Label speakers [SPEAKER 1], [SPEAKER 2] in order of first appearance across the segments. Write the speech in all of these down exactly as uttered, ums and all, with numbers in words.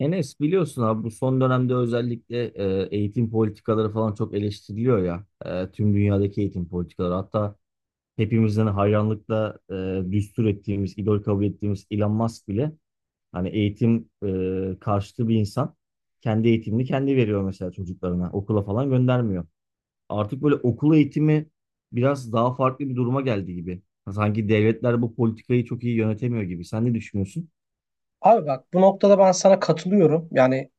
[SPEAKER 1] Enes, biliyorsun abi, bu son dönemde özellikle e, eğitim politikaları falan çok eleştiriliyor ya. E, tüm dünyadaki eğitim politikaları. Hatta hepimizden hayranlıkla e, düstur ettiğimiz, idol kabul ettiğimiz Elon Musk bile hani eğitim e, karşıtı bir insan. Kendi eğitimini kendi veriyor mesela çocuklarına. Okula falan göndermiyor. Artık böyle okul eğitimi biraz daha farklı bir duruma geldi gibi. Sanki devletler bu politikayı çok iyi yönetemiyor gibi. Sen ne düşünüyorsun?
[SPEAKER 2] Abi bak bu noktada ben sana katılıyorum. Yani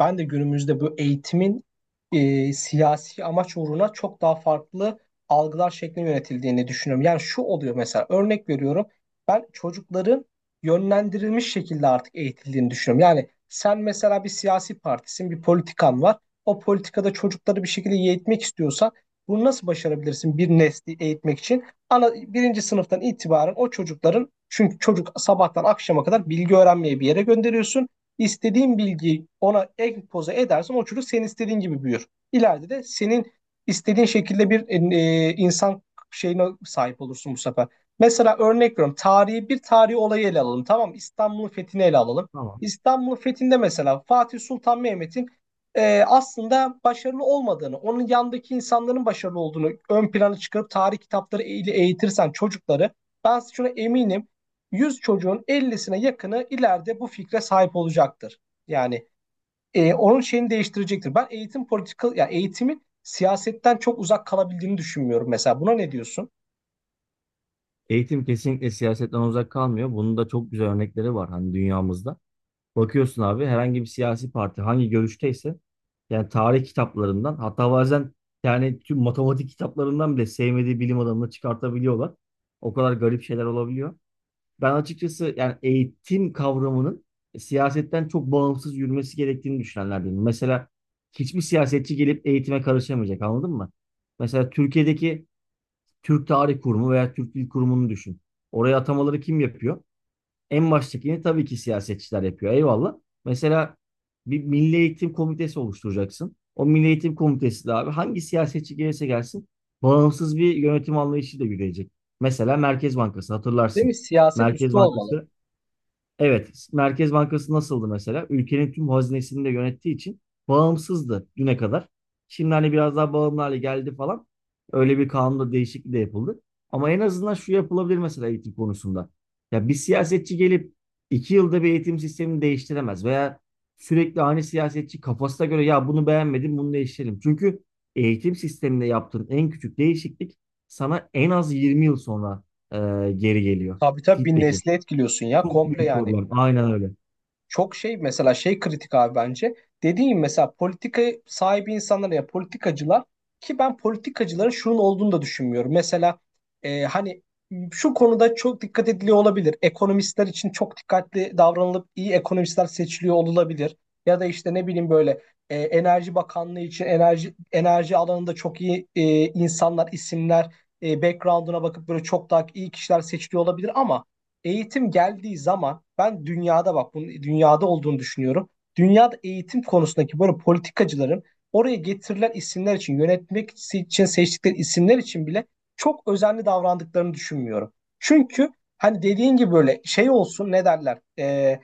[SPEAKER 2] ben de günümüzde bu eğitimin e, siyasi amaç uğruna çok daha farklı algılar şeklinde yönetildiğini düşünüyorum. Yani şu oluyor mesela örnek veriyorum. Ben çocukların yönlendirilmiş şekilde artık eğitildiğini düşünüyorum. Yani sen mesela bir siyasi partisin, bir politikan var. O politikada çocukları bir şekilde eğitmek istiyorsan bunu nasıl başarabilirsin bir nesli eğitmek için? Ana birinci sınıftan itibaren o çocukların çünkü çocuk sabahtan akşama kadar bilgi öğrenmeye bir yere gönderiyorsun. İstediğin bilgiyi ona empoze edersen o çocuk senin istediğin gibi büyür. İleride de senin istediğin şekilde bir e, e, insan şeyine sahip olursun bu sefer. Mesela örnek veriyorum. Tarihi bir tarihi olayı ele alalım. Tamam mı? İstanbul'un fethini ele alalım. İstanbul'un fethinde mesela Fatih Sultan Mehmet'in e, aslında başarılı olmadığını, onun yanındaki insanların başarılı olduğunu ön plana çıkarıp tarih kitapları ile eğitirsen çocukları, ben şuna eminim yüz çocuğun ellisine yakını ileride bu fikre sahip olacaktır. Yani e, onun şeyini değiştirecektir. Ben eğitim politika, yani eğitimin siyasetten çok uzak kalabildiğini düşünmüyorum mesela. Buna ne diyorsun?
[SPEAKER 1] Eğitim kesinlikle siyasetten uzak kalmıyor. Bunun da çok güzel örnekleri var hani dünyamızda. Bakıyorsun abi, herhangi bir siyasi parti hangi görüşteyse yani tarih kitaplarından, hatta bazen yani tüm matematik kitaplarından bile sevmediği bilim adamını çıkartabiliyorlar. O kadar garip şeyler olabiliyor. Ben açıkçası yani eğitim kavramının siyasetten çok bağımsız yürümesi gerektiğini düşünenlerdenim. Mesela hiçbir siyasetçi gelip eğitime karışamayacak, anladın mı? Mesela Türkiye'deki Türk Tarih Kurumu veya Türk Dil Kurumu'nu düşün. Oraya atamaları kim yapıyor? En baştakini tabii ki siyasetçiler yapıyor. Eyvallah. Mesela bir Milli Eğitim Komitesi oluşturacaksın. O Milli Eğitim Komitesi de abi hangi siyasetçi gelirse gelsin bağımsız bir yönetim anlayışıyla yürüyecek. Mesela Merkez Bankası
[SPEAKER 2] Değil
[SPEAKER 1] hatırlarsın.
[SPEAKER 2] mi? Siyaset
[SPEAKER 1] Merkez
[SPEAKER 2] üstü olmalı.
[SPEAKER 1] Bankası. Evet, Merkez Bankası nasıldı mesela? Ülkenin tüm hazinesini de yönettiği için bağımsızdı düne kadar. Şimdi hani biraz daha bağımlı hale geldi falan. Öyle bir kanunda değişiklik de yapıldı. Ama en azından şu yapılabilir mesela eğitim konusunda. Ya bir siyasetçi gelip iki yılda bir eğitim sistemini değiştiremez veya sürekli aynı siyasetçi kafasına göre ya bunu beğenmedim, bunu değiştirelim. Çünkü eğitim sisteminde yaptığın en küçük değişiklik sana en az yirmi yıl sonra e, geri geliyor
[SPEAKER 2] Tabii tabii, bir
[SPEAKER 1] feedback'i.
[SPEAKER 2] nesli etkiliyorsun ya
[SPEAKER 1] Çok
[SPEAKER 2] komple
[SPEAKER 1] büyük
[SPEAKER 2] yani.
[SPEAKER 1] problem. Aynen öyle.
[SPEAKER 2] Çok şey mesela şey kritik abi bence. Dediğim mesela politika sahibi insanlar ya politikacılar ki ben politikacıların şunun olduğunu da düşünmüyorum. Mesela e, hani şu konuda çok dikkat ediliyor olabilir. Ekonomistler için çok dikkatli davranılıp iyi ekonomistler seçiliyor olabilir. Ya da işte ne bileyim böyle e, Enerji Bakanlığı için enerji enerji alanında çok iyi e, insanlar, isimler, e, background'una bakıp böyle çok daha iyi kişiler seçiliyor olabilir ama eğitim geldiği zaman ben dünyada bak bunun dünyada olduğunu düşünüyorum. Dünyada eğitim konusundaki böyle politikacıların oraya getirilen isimler için yönetmek si-, için seçtikleri isimler için bile çok özenli davrandıklarını düşünmüyorum. Çünkü hani dediğin gibi böyle şey olsun ne derler? Ee,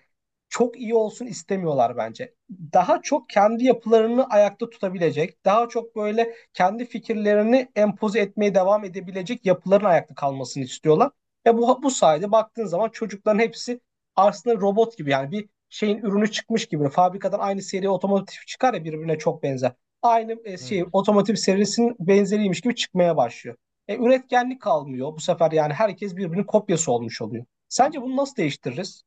[SPEAKER 2] Çok iyi olsun istemiyorlar bence. Daha çok kendi yapılarını ayakta tutabilecek, daha çok böyle kendi fikirlerini empoze etmeye devam edebilecek yapıların ayakta kalmasını istiyorlar. Ve bu, bu sayede baktığın zaman çocukların hepsi aslında robot gibi yani bir şeyin ürünü çıkmış gibi. Fabrikadan aynı seri otomotiv çıkar ya birbirine çok benzer. Aynı e,
[SPEAKER 1] Evet.
[SPEAKER 2] şey otomotiv serisinin benzeriymiş gibi çıkmaya başlıyor. E, üretkenlik kalmıyor bu sefer yani herkes birbirinin kopyası olmuş oluyor. Sence bunu nasıl değiştiririz?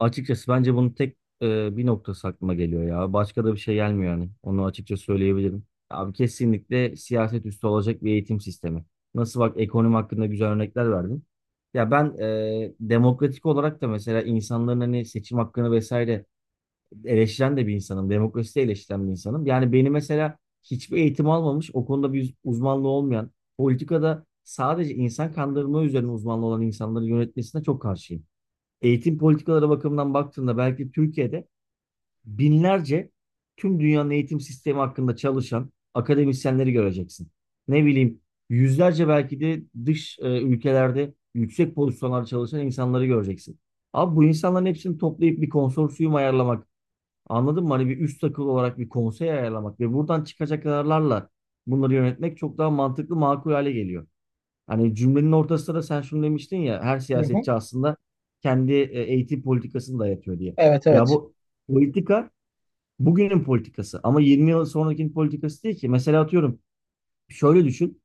[SPEAKER 1] Açıkçası bence bunun tek e, bir noktası aklıma geliyor ya. Başka da bir şey gelmiyor yani. Onu açıkça söyleyebilirim. Abi kesinlikle siyaset üstü olacak bir eğitim sistemi. Nasıl bak, ekonomi hakkında güzel örnekler verdin. Ya ben e, demokratik olarak da mesela insanların hani seçim hakkını vesaire eleştiren de bir insanım. Demokrasi de eleştiren bir insanım. Yani beni mesela hiçbir eğitim almamış, o konuda bir uzmanlığı olmayan, politikada sadece insan kandırma üzerine uzmanlı olan insanları yönetmesine çok karşıyım. Eğitim politikaları bakımından baktığında belki Türkiye'de binlerce tüm dünyanın eğitim sistemi hakkında çalışan akademisyenleri göreceksin. Ne bileyim, yüzlerce belki de dış e, ülkelerde yüksek pozisyonlarda çalışan insanları göreceksin. Abi bu insanların hepsini toplayıp bir konsorsiyum ayarlamak, anladın mı? Hani bir üst akıl olarak bir konsey ayarlamak ve buradan çıkacak kararlarla bunları yönetmek çok daha mantıklı, makul hale geliyor. Hani cümlenin ortasında da sen şunu demiştin ya, her
[SPEAKER 2] Hı hı.
[SPEAKER 1] siyasetçi aslında kendi e, eğitim politikasını dayatıyor diye.
[SPEAKER 2] Evet,
[SPEAKER 1] Ya
[SPEAKER 2] evet.
[SPEAKER 1] bu politika bugünün politikası ama yirmi yıl sonrakinin politikası değil ki. Mesela atıyorum, şöyle düşün.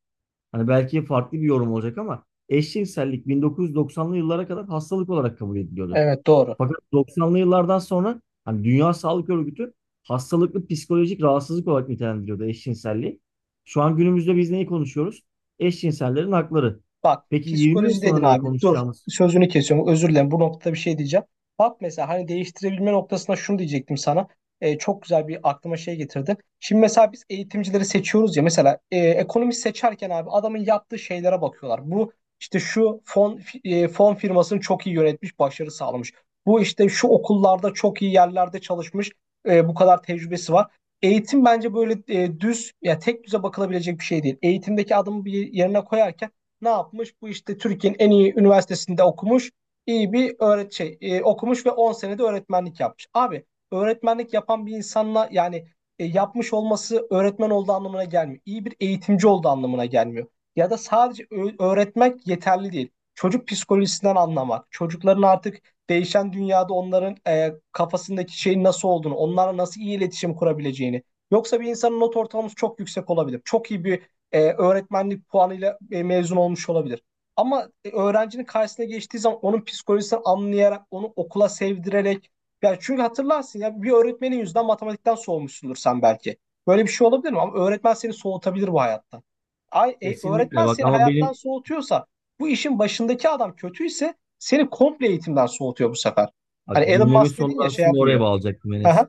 [SPEAKER 1] Hani belki farklı bir yorum olacak ama eşcinsellik bin dokuz yüz doksanlı yıllara kadar hastalık olarak kabul ediliyordu.
[SPEAKER 2] Evet, doğru.
[SPEAKER 1] Fakat doksanlı yıllardan sonra hani Dünya Sağlık Örgütü hastalıklı psikolojik rahatsızlık olarak nitelendiriyordu eşcinselliği. Şu an günümüzde biz neyi konuşuyoruz? Eşcinsellerin hakları.
[SPEAKER 2] Bak
[SPEAKER 1] Peki yirmi yıl
[SPEAKER 2] psikoloji
[SPEAKER 1] sonra
[SPEAKER 2] dedin
[SPEAKER 1] neyi
[SPEAKER 2] abi. Dur,
[SPEAKER 1] konuşacağımız?
[SPEAKER 2] sözünü kesiyorum. Özür dilerim. Bu noktada bir şey diyeceğim. Bak mesela hani değiştirebilme noktasında şunu diyecektim sana. Ee, çok güzel bir aklıma şey getirdin. Şimdi mesela biz eğitimcileri seçiyoruz ya mesela e, ekonomist seçerken abi adamın yaptığı şeylere bakıyorlar. Bu işte şu fon fi- e, fon firmasını çok iyi yönetmiş, başarı sağlamış. Bu işte şu okullarda çok iyi yerlerde çalışmış, e, bu kadar tecrübesi var. Eğitim bence böyle e, düz ya tek düze bakılabilecek bir şey değil. Eğitimdeki adımı bir yerine koyarken ne yapmış? Bu işte Türkiye'nin en iyi üniversitesinde okumuş. İyi bir öğret şey e, okumuş ve on senede öğretmenlik yapmış. Abi öğretmenlik yapan bir insanla yani e, yapmış olması öğretmen olduğu anlamına gelmiyor. İyi bir eğitimci olduğu anlamına gelmiyor. Ya da sadece öğretmek yeterli değil. Çocuk psikolojisinden anlamak, çocukların artık değişen dünyada onların e, kafasındaki şeyin nasıl olduğunu, onlarla nasıl iyi iletişim kurabileceğini. Yoksa bir insanın not ortalaması çok yüksek olabilir. Çok iyi bir e, öğretmenlik puanıyla e, mezun olmuş olabilir. Ama e, öğrencinin karşısına geçtiği zaman onun psikolojisini anlayarak, onu okula sevdirerek ya çünkü hatırlarsın ya bir öğretmenin yüzünden matematikten soğumuşsundur sen belki. Böyle bir şey olabilir mi? Ama öğretmen seni soğutabilir bu hayattan. Ay, e,
[SPEAKER 1] Kesinlikle
[SPEAKER 2] öğretmen
[SPEAKER 1] bak,
[SPEAKER 2] seni
[SPEAKER 1] ama
[SPEAKER 2] hayattan
[SPEAKER 1] benim,
[SPEAKER 2] soğutuyorsa bu işin başındaki adam kötüyse seni komple eğitimden soğutuyor bu sefer.
[SPEAKER 1] bak
[SPEAKER 2] Hani Elon
[SPEAKER 1] cümlemin
[SPEAKER 2] Musk dedin
[SPEAKER 1] sonunda
[SPEAKER 2] ya şey
[SPEAKER 1] aslında oraya
[SPEAKER 2] yapmıyor.
[SPEAKER 1] bağlayacaktım
[SPEAKER 2] Hı
[SPEAKER 1] Enes.
[SPEAKER 2] hı.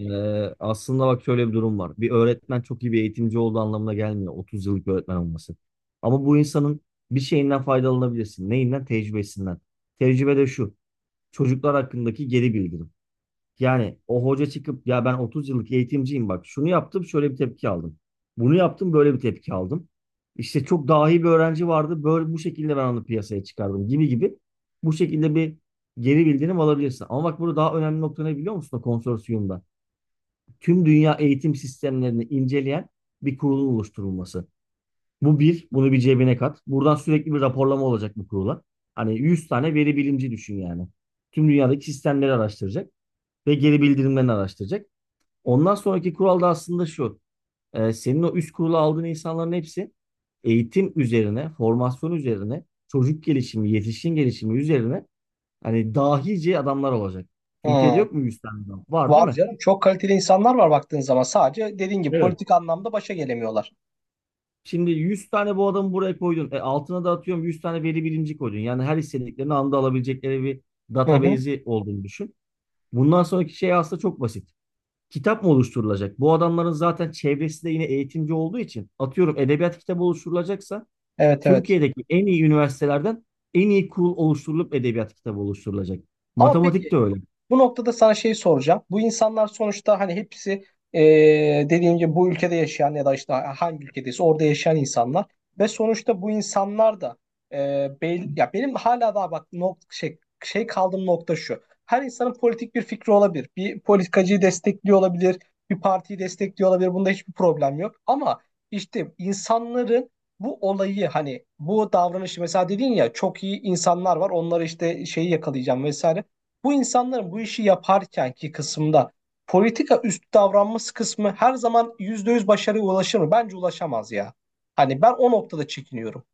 [SPEAKER 1] Ee, Aslında bak, şöyle bir durum var. Bir öğretmen çok iyi bir eğitimci olduğu anlamına gelmiyor otuz yıllık öğretmen olması. Ama bu insanın bir şeyinden faydalanabilirsin. Neyinden? Tecrübesinden. Tecrübe de şu. Çocuklar hakkındaki geri bildirim. Yani o hoca çıkıp ya ben otuz yıllık eğitimciyim, bak şunu yaptım, şöyle bir tepki aldım. Bunu yaptım, böyle bir tepki aldım. İşte çok dahi bir öğrenci vardı böyle, bu şekilde ben onu piyasaya çıkardım gibi gibi. Bu şekilde bir geri bildirim alabilirsin. Ama bak, burada daha önemli nokta ne biliyor musun o konsorsiyumda? Tüm dünya eğitim sistemlerini inceleyen bir kurulun oluşturulması. Bu bir, bunu bir cebine kat. Buradan sürekli bir raporlama olacak bu kurula. Hani yüz tane veri bilimci düşün yani. Tüm dünyadaki sistemleri araştıracak ve geri bildirimlerini araştıracak. Ondan sonraki kural da aslında şu. Ee, senin o üst kurula aldığın insanların hepsi eğitim üzerine, formasyon üzerine, çocuk gelişimi, yetişkin gelişimi üzerine hani dahice adamlar olacak. Türkiye'de
[SPEAKER 2] Hı.
[SPEAKER 1] yok mu yüz tane adam? Var değil
[SPEAKER 2] Var
[SPEAKER 1] mi?
[SPEAKER 2] canım. Çok kaliteli insanlar var baktığın zaman. Sadece dediğin gibi
[SPEAKER 1] Evet.
[SPEAKER 2] politik anlamda başa gelemiyorlar.
[SPEAKER 1] Şimdi yüz tane bu adamı buraya koydun. E, altına da atıyorum yüz tane veri bilimci koydun. Yani her istediklerini anda alabilecekleri bir
[SPEAKER 2] Hı hı.
[SPEAKER 1] database'i olduğunu düşün. Bundan sonraki şey aslında çok basit. Kitap mı oluşturulacak? Bu adamların zaten çevresi de yine eğitimci olduğu için atıyorum edebiyat kitabı oluşturulacaksa
[SPEAKER 2] Evet, evet.
[SPEAKER 1] Türkiye'deki en iyi üniversitelerden en iyi kurul oluşturulup edebiyat kitabı oluşturulacak.
[SPEAKER 2] Ama
[SPEAKER 1] Matematik
[SPEAKER 2] peki,
[SPEAKER 1] de öyle.
[SPEAKER 2] bu noktada sana şey soracağım. Bu insanlar sonuçta hani hepsi eee dediğim gibi bu ülkede yaşayan ya da işte hangi ülkedeyse orada yaşayan insanlar ve sonuçta bu insanlar da eee bel- ya benim hala daha bak nok şey şey kaldığım nokta şu. Her insanın politik bir fikri olabilir. Bir politikacıyı destekliyor olabilir, bir partiyi destekliyor olabilir. Bunda hiçbir problem yok. Ama işte insanların bu olayı hani bu davranışı mesela dedin ya çok iyi insanlar var onları işte şeyi yakalayacağım vesaire. Bu insanların bu işi yaparkenki kısımda politika üstü davranması kısmı her zaman yüzde yüz başarıya ulaşır mı? Bence ulaşamaz ya. Hani ben o noktada çekiniyorum.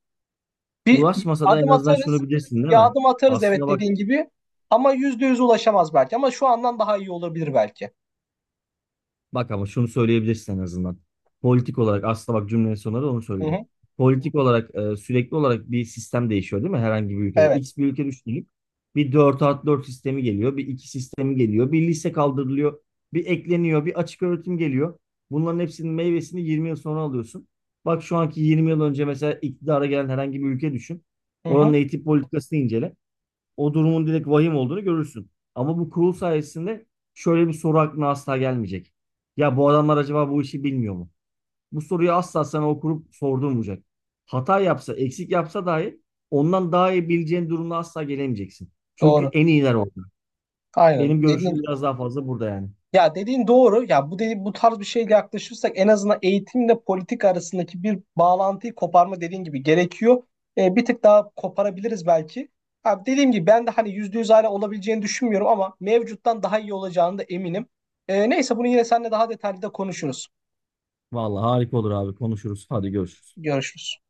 [SPEAKER 2] Bir
[SPEAKER 1] Ulaşmasa da en
[SPEAKER 2] adım
[SPEAKER 1] azından şunu
[SPEAKER 2] atarız,
[SPEAKER 1] bilirsin değil
[SPEAKER 2] bir
[SPEAKER 1] mi?
[SPEAKER 2] adım atarız,
[SPEAKER 1] Aslına
[SPEAKER 2] evet,
[SPEAKER 1] bak.
[SPEAKER 2] dediğin gibi ama yüzde yüz ulaşamaz belki ama şu andan daha iyi olabilir belki.
[SPEAKER 1] Bak ama şunu söyleyebilirsin en azından. Politik olarak aslında bak, cümlenin sonunda da onu
[SPEAKER 2] Hı
[SPEAKER 1] söyledim.
[SPEAKER 2] hı.
[SPEAKER 1] Politik olarak e, sürekli olarak bir sistem değişiyor değil mi? Herhangi bir ülkede.
[SPEAKER 2] Evet.
[SPEAKER 1] X bir ülke düşünüp bir dört artı dört sistemi geliyor. Bir iki sistemi geliyor. Bir lise kaldırılıyor. Bir ekleniyor. Bir açık öğretim geliyor. Bunların hepsinin meyvesini yirmi yıl sonra alıyorsun. Bak şu anki yirmi yıl önce mesela iktidara gelen herhangi bir ülke düşün.
[SPEAKER 2] Hı
[SPEAKER 1] Oranın
[SPEAKER 2] hı.
[SPEAKER 1] eğitim politikasını incele, o durumun direkt vahim olduğunu görürsün. Ama bu kurul sayesinde şöyle bir soru aklına asla gelmeyecek. Ya bu adamlar acaba bu işi bilmiyor mu? Bu soruyu asla sana o kurup sordurmayacak. Hata yapsa, eksik yapsa dahi ondan daha iyi bileceğin durumda asla gelemeyeceksin. Çünkü
[SPEAKER 2] Doğru.
[SPEAKER 1] en iyiler orada.
[SPEAKER 2] Aynen.
[SPEAKER 1] Benim görüşüm
[SPEAKER 2] Dediğin
[SPEAKER 1] biraz daha fazla burada yani.
[SPEAKER 2] Ya, dediğin doğru. Ya bu dedi, bu tarz bir şeyle yaklaşırsak en azından eğitimle politik arasındaki bir bağlantıyı koparma dediğin gibi gerekiyor. E, bir tık daha koparabiliriz belki. Ha, dediğim gibi ben de hani yüzde yüz hala olabileceğini düşünmüyorum ama mevcuttan daha iyi olacağını da eminim. E, neyse, bunu yine seninle daha detaylı da konuşuruz.
[SPEAKER 1] Vallahi harika olur abi, konuşuruz. Hadi görüşürüz.
[SPEAKER 2] Görüşürüz.